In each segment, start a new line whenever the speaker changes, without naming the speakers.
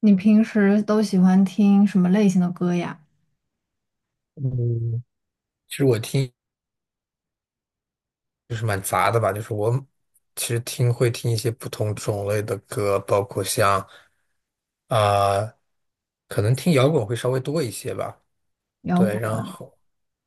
你平时都喜欢听什么类型的歌呀？
嗯，其实我听就是蛮杂的吧，就是我其实会听一些不同种类的歌，包括像啊、可能听摇滚会稍微多一些吧，
摇
对，
滚。
然后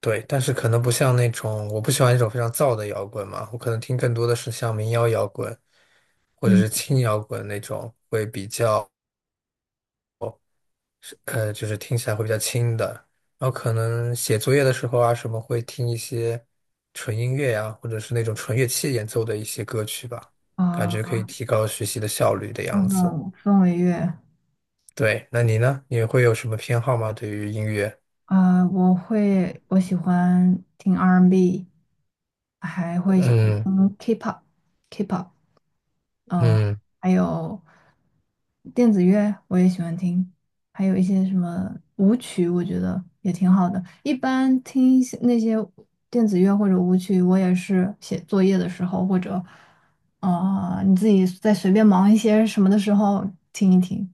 对，但是可能不像那种我不喜欢那种非常燥的摇滚嘛，我可能听更多的是像民谣摇滚或者
嗯
是轻摇滚那种会比较。就是听起来会比较轻的。然后可能写作业的时候啊，什么会听一些纯音乐呀、或者是那种纯乐器演奏的一些歌曲吧，感觉可以
啊，
提高学习的效率的
那
样子。
种氛围乐
对，那你呢？你会有什么偏好吗？对于音乐？
啊，我会，我喜欢听 R&B，还会喜欢
嗯
听 K-pop，K-pop。嗯、呃
嗯，
还有电子乐我也喜欢听，还有一些什么舞曲，我觉得也挺好的。一般听一些那些电子乐或者舞曲，我也是写作业的时候，或者你自己在随便忙一些什么的时候听一听。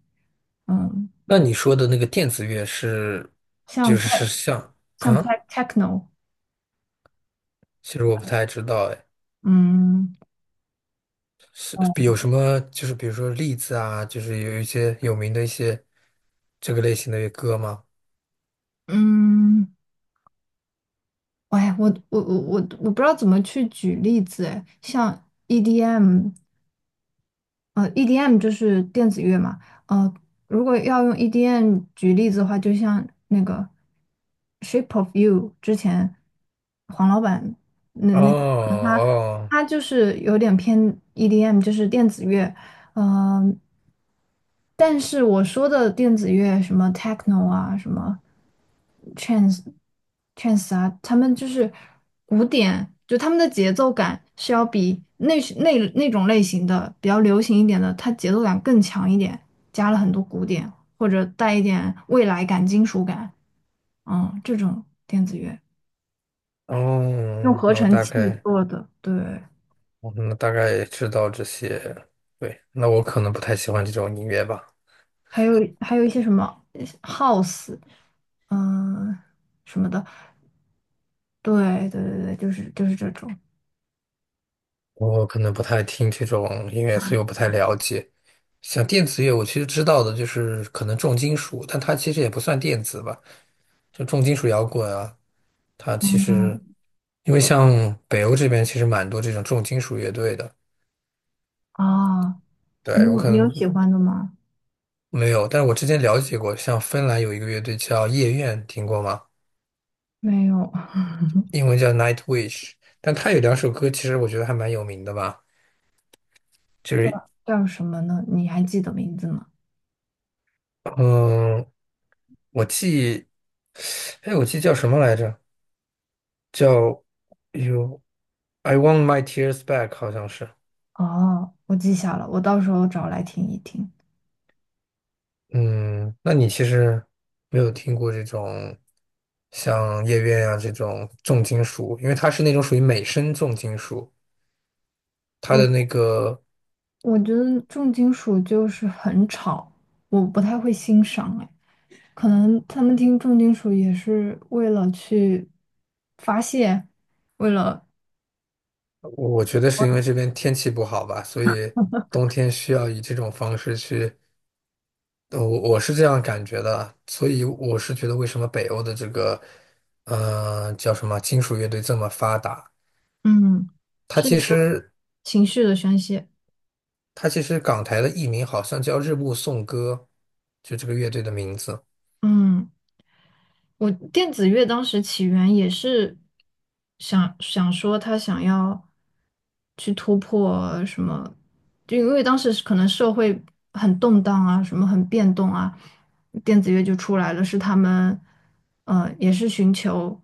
嗯，
那你说的那个电子乐是，
像
就是
tech
是像
像
啊？
tech techno。
其实我不太知道，哎，
嗯。
是
呃
有什么就是比如说例子啊，就是有一些有名的一些这个类型的歌吗？
嗯，哎，我不知道怎么去举例子，哎，像 EDM。EDM 就是电子乐嘛。呃，如果要用 EDM 举例子的话，就像那个《Shape of You》之前黄老板那
哦
那个他
哦
他就是有点偏 EDM,就是电子乐。呃，但是我说的电子乐，什么 techno 啊，什么 trance trance 啊，他们就是古典，就他们的节奏感是要比那种类型的比较流行一点的，它节奏感更强一点，加了很多古典或者带一点未来感、金属感。这种电子乐用
哦，
合
那我
成
大
器
概，
做的。对。
哦那大概也知道这些。对，那我可能不太喜欢这种音乐吧，
还有还有一些什么 house,嗯、什么的。对对对对，就是这种。
我可能不太听这种音乐，所以我不太了解。像电子乐，我其实知道的就是可能重金属，但它其实也不算电子吧，就重金属摇滚啊，它其实
嗯，
因为像北欧这边其实蛮多这种重金属乐队的，
啊，
对，
你
我
有
可
你有
能
喜欢的吗？
没有，但是我之前了解过，像芬兰有一个乐队叫夜愿，听过吗？
没有。
英文叫 Nightwish,但他有两首歌，其实我觉得还蛮有名的吧，就是
叫什么呢？你还记得名字吗？
嗯，我记，哎，我记叫什么来着？叫 You I Want My Tears Back,好像是。
哦，我记下了，我到时候找来听一听。
嗯，那你其实没有听过这种像夜愿啊这种重金属，因为它是那种属于美声重金属，它的那
我
个
我觉得重金属就是很吵，我不太会欣赏。哎，可能他们听重金属也是为了去发泄，为了
我觉得是因为这边天气不好吧，所以冬天需要以这种方式去。我是这样感觉的，所以我是觉得为什么北欧的这个，叫什么金属乐队这么发达？
嗯，
它
是
其
一个
实
情绪的宣泄。
它其实港台的艺名好像叫日暮颂歌，就这个乐队的名字。
嗯。我电子乐当时起源也是想想说他想要去突破什么，就因为当时是可能社会很动荡啊，什么很变动啊，电子乐就出来了，是他们也是寻求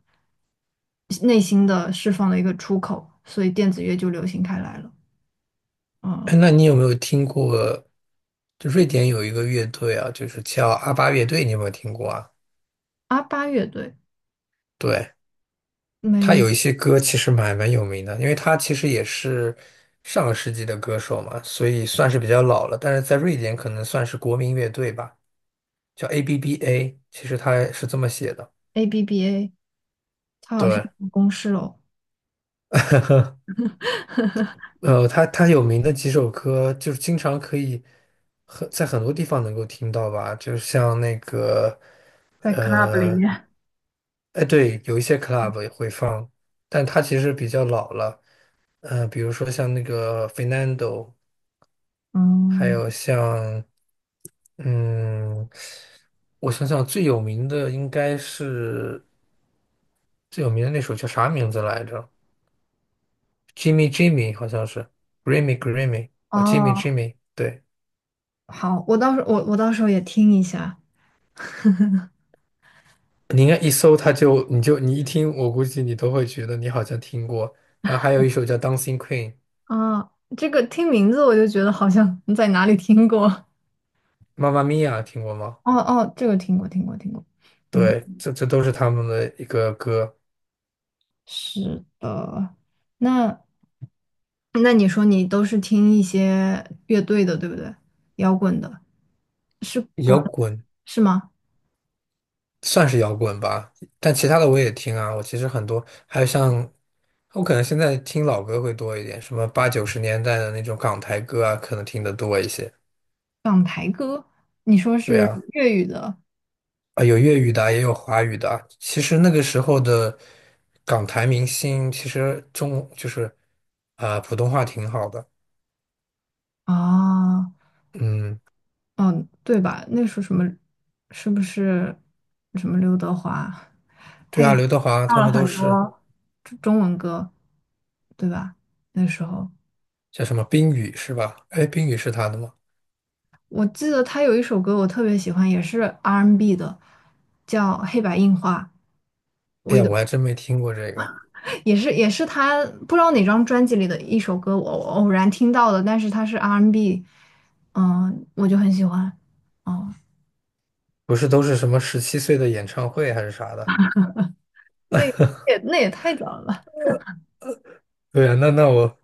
内心的释放的一个出口，所以电子乐就流行开来了。嗯。
那你有没有听过？就瑞典有一个乐队啊，就是叫阿巴乐队，你有没有听过啊？
阿巴乐队。
对，
没
他
有。
有一些歌其实蛮有名的，因为他其实也是上个世纪的歌手嘛，所以算是比较老了，但是在瑞典可能算是国民乐队吧。叫 ABBA,其实它是这么写的。
ABBA,他好像
对
公示了。
它有名的几首歌，就是经常可以在很多地方能够听到吧，就是像那个，
在 club 里
呃，
面。
哎，对，有一些 club 也会放，但它其实比较老了。比如说像那个 Fernando,还
嗯，
有像，嗯，我想想最有名的那首叫啥名字来着？Jimmy Jimmy 好像是 Grammy Grammy 啊，Jimmy
哦。
Jimmy,对，
好，我到时候也听一下
你应该一搜他就你一听，我估计你都会觉得你好像听过。然后还有一首叫《Dancing Queen》,
啊。这个听名字我就觉得好像在哪里听过。
妈妈咪呀，听过吗？
哦哦，这个听过听过听过。嗯，
对，这都是他们的一个歌，
是的。那那你说你都是听一些乐队的，对不对？摇滚的，是国
摇滚
是吗？
算是摇滚吧，但其他的我也听啊。我其实很多，还有像我可能现在听老歌会多一点，什么八九十年代的那种港台歌啊，可能听得多一些。对啊。有粤语的啊也有华语的啊其实那个时候的港台明星，其实中就是啊、普通话挺好的。
哦，
嗯，
嗯，对吧？那时候什么是不是什么刘德华
对啊，刘德华
唱
他
了
们都
很
是
多中文歌，对吧？那时候。
叫什么冰雨是吧？哎，冰雨是他的吗？
我记得他有一首歌我特别喜欢，也是 R&B 的，叫《黑白印花》，
哎呀，我还真没听过这个。
也是他不知道哪张专辑里的一首歌，我偶然听到的，但是他是 R&B，n 嗯，我就很喜欢。哦，
不是都是什么17岁的演唱会还是啥的？
那也太早了。
对啊，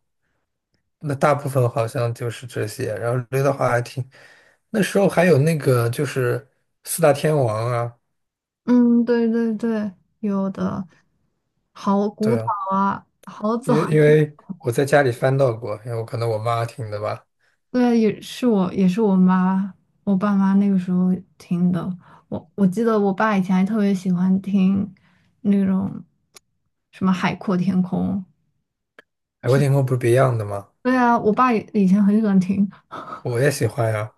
那大部分好像就是这些。然后刘德华还挺，那时候还有那个就是四大天王啊，
嗯，对对对，有的好古
对
早
啊。
啊，好早。
因为我在家里翻到过，因为我可能我妈听的吧。
对，也是我，也是我妈，我爸妈那个时候听的。我记得我爸以前还特别喜欢听那种什么《海阔天空》。
海阔天空不是 Beyond 的吗？
对啊，我爸以前很喜欢听。
我也喜欢呀。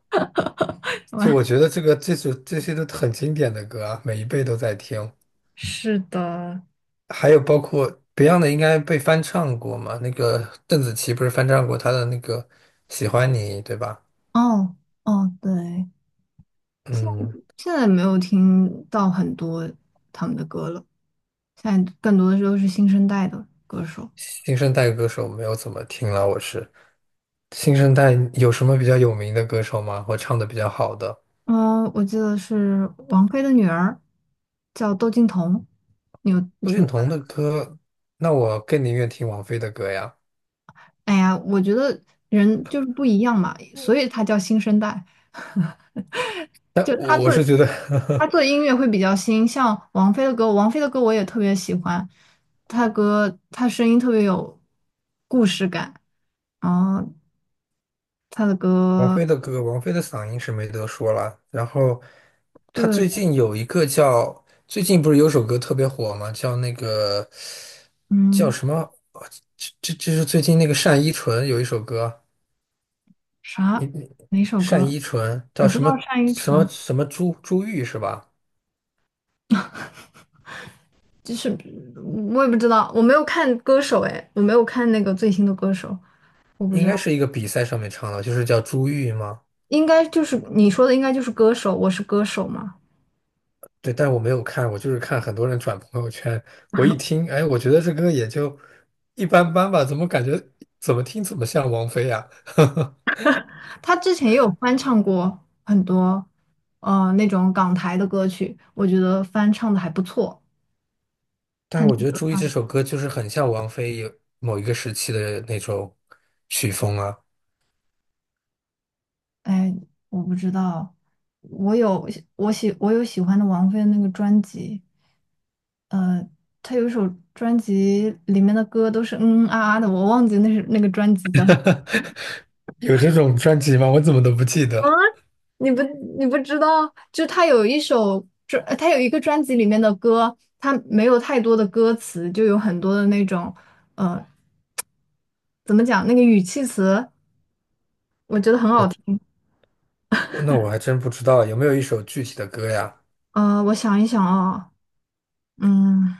就我觉 得这些都很经典的歌啊，每一辈都在听。
是的。
还有包括 Beyond 的应该被翻唱过嘛？那个邓紫棋不是翻唱过她的那个《喜欢你》，对吧？
哦哦，对，
嗯，
现在没有听到很多他们的歌了，现在更多的时候是新生代的歌手。
新生代歌手没有怎么听了，我是。新生代有什么比较有名的歌手吗？或唱的比较好的？
嗯，我记得是王菲的女儿叫窦靖童，你有
陆
听
俊
过？
彤的歌，那我更宁愿听王菲的歌呀。
哎呀，我觉得人就是不一样嘛，所以他叫新生代。
但
就他
我
做
是觉得
他 做音乐会比较新，像王菲的歌，王菲的歌我也特别喜欢，她歌她声音特别有故事感，然后她的
王菲
歌。
的歌，王菲的嗓音是没得说了。然后她
对。
最近有一个叫，最近不是有首歌特别火吗？叫那个叫
嗯，
什么？哦这是最近那个单依纯有一首歌，你
啥
你
哪首
单
歌？
依纯
我
叫
知
什
道
么
单依
什么
纯，
什么朱玉是吧？
就是我也不知道，我没有看歌手，哎，我没有看那个最新的歌手，我不
应
知道。
该是一个比赛上面唱的，就是叫朱玉吗？
应该就是你说的，应该就是歌手，我是歌手嘛。
对，但我没有看，我就是看很多人转朋友圈，我一听，哎，我觉得这歌也就一般般吧，怎么感觉怎么听怎么像王菲呀、
他之前也有翻唱过很多，那种港台的歌曲，我觉得翻唱的还不错。
但是我觉得《朱意》这
唱
首歌就是很像王菲有某一个时期的那种曲风啊，
哎，我不知道，我有我有喜欢的王菲的那个专辑。呃他有一首专辑里面的歌都是嗯嗯啊啊的，我忘记那是那个专辑叫。
有这种专辑吗？我怎么都不记得。
你不你不知道，就他有一首专，他有一个专辑里面的歌，他没有太多的歌词，就有很多的那种，呃，怎么讲，那个语气词，我觉得很好
我
听。
那我还真不知道有没有一首具体的歌呀？
我想一想啊。嗯，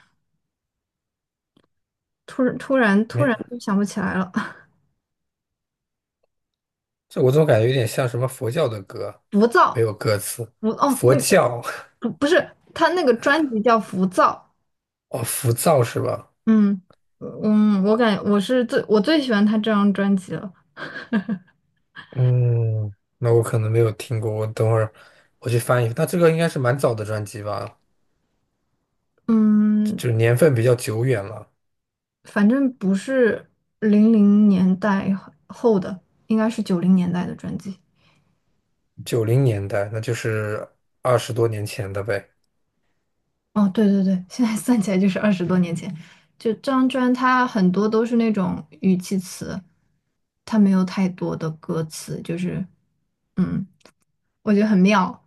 突然突然突
没，
然就想不起来了。
这我总感觉有点像什么佛教的歌，
浮
没
躁。
有歌词。
哦，
佛
那
教
不是，他那个专辑叫《浮躁》。
哦，浮躁是吧？
嗯嗯，我感我是最我最喜欢他这张专辑了。
嗯，那我可能没有听过，我等会儿我去翻一翻。那这个应该是蛮早的专辑吧，
嗯，
就是年份比较久远了，
反正不是00年代后的，应该是90年代的专辑。
90年代，那就是20多年前的呗。
哦，对对对，现在算起来就是20多年前。就这张专，它很多都是那种语气词，它没有太多的歌词，就是嗯，我觉得很妙，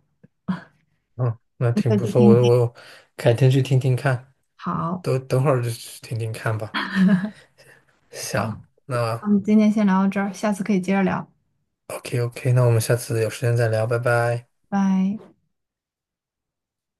嗯，那
你可
挺
以
不
去
错，
听听。
我改天去听听看，
好，
等会儿就去听听看吧。行，
那我
那
们今天先聊到这儿，下次可以接着聊，
OK OK,那我们下次有时间再聊，拜拜。
拜。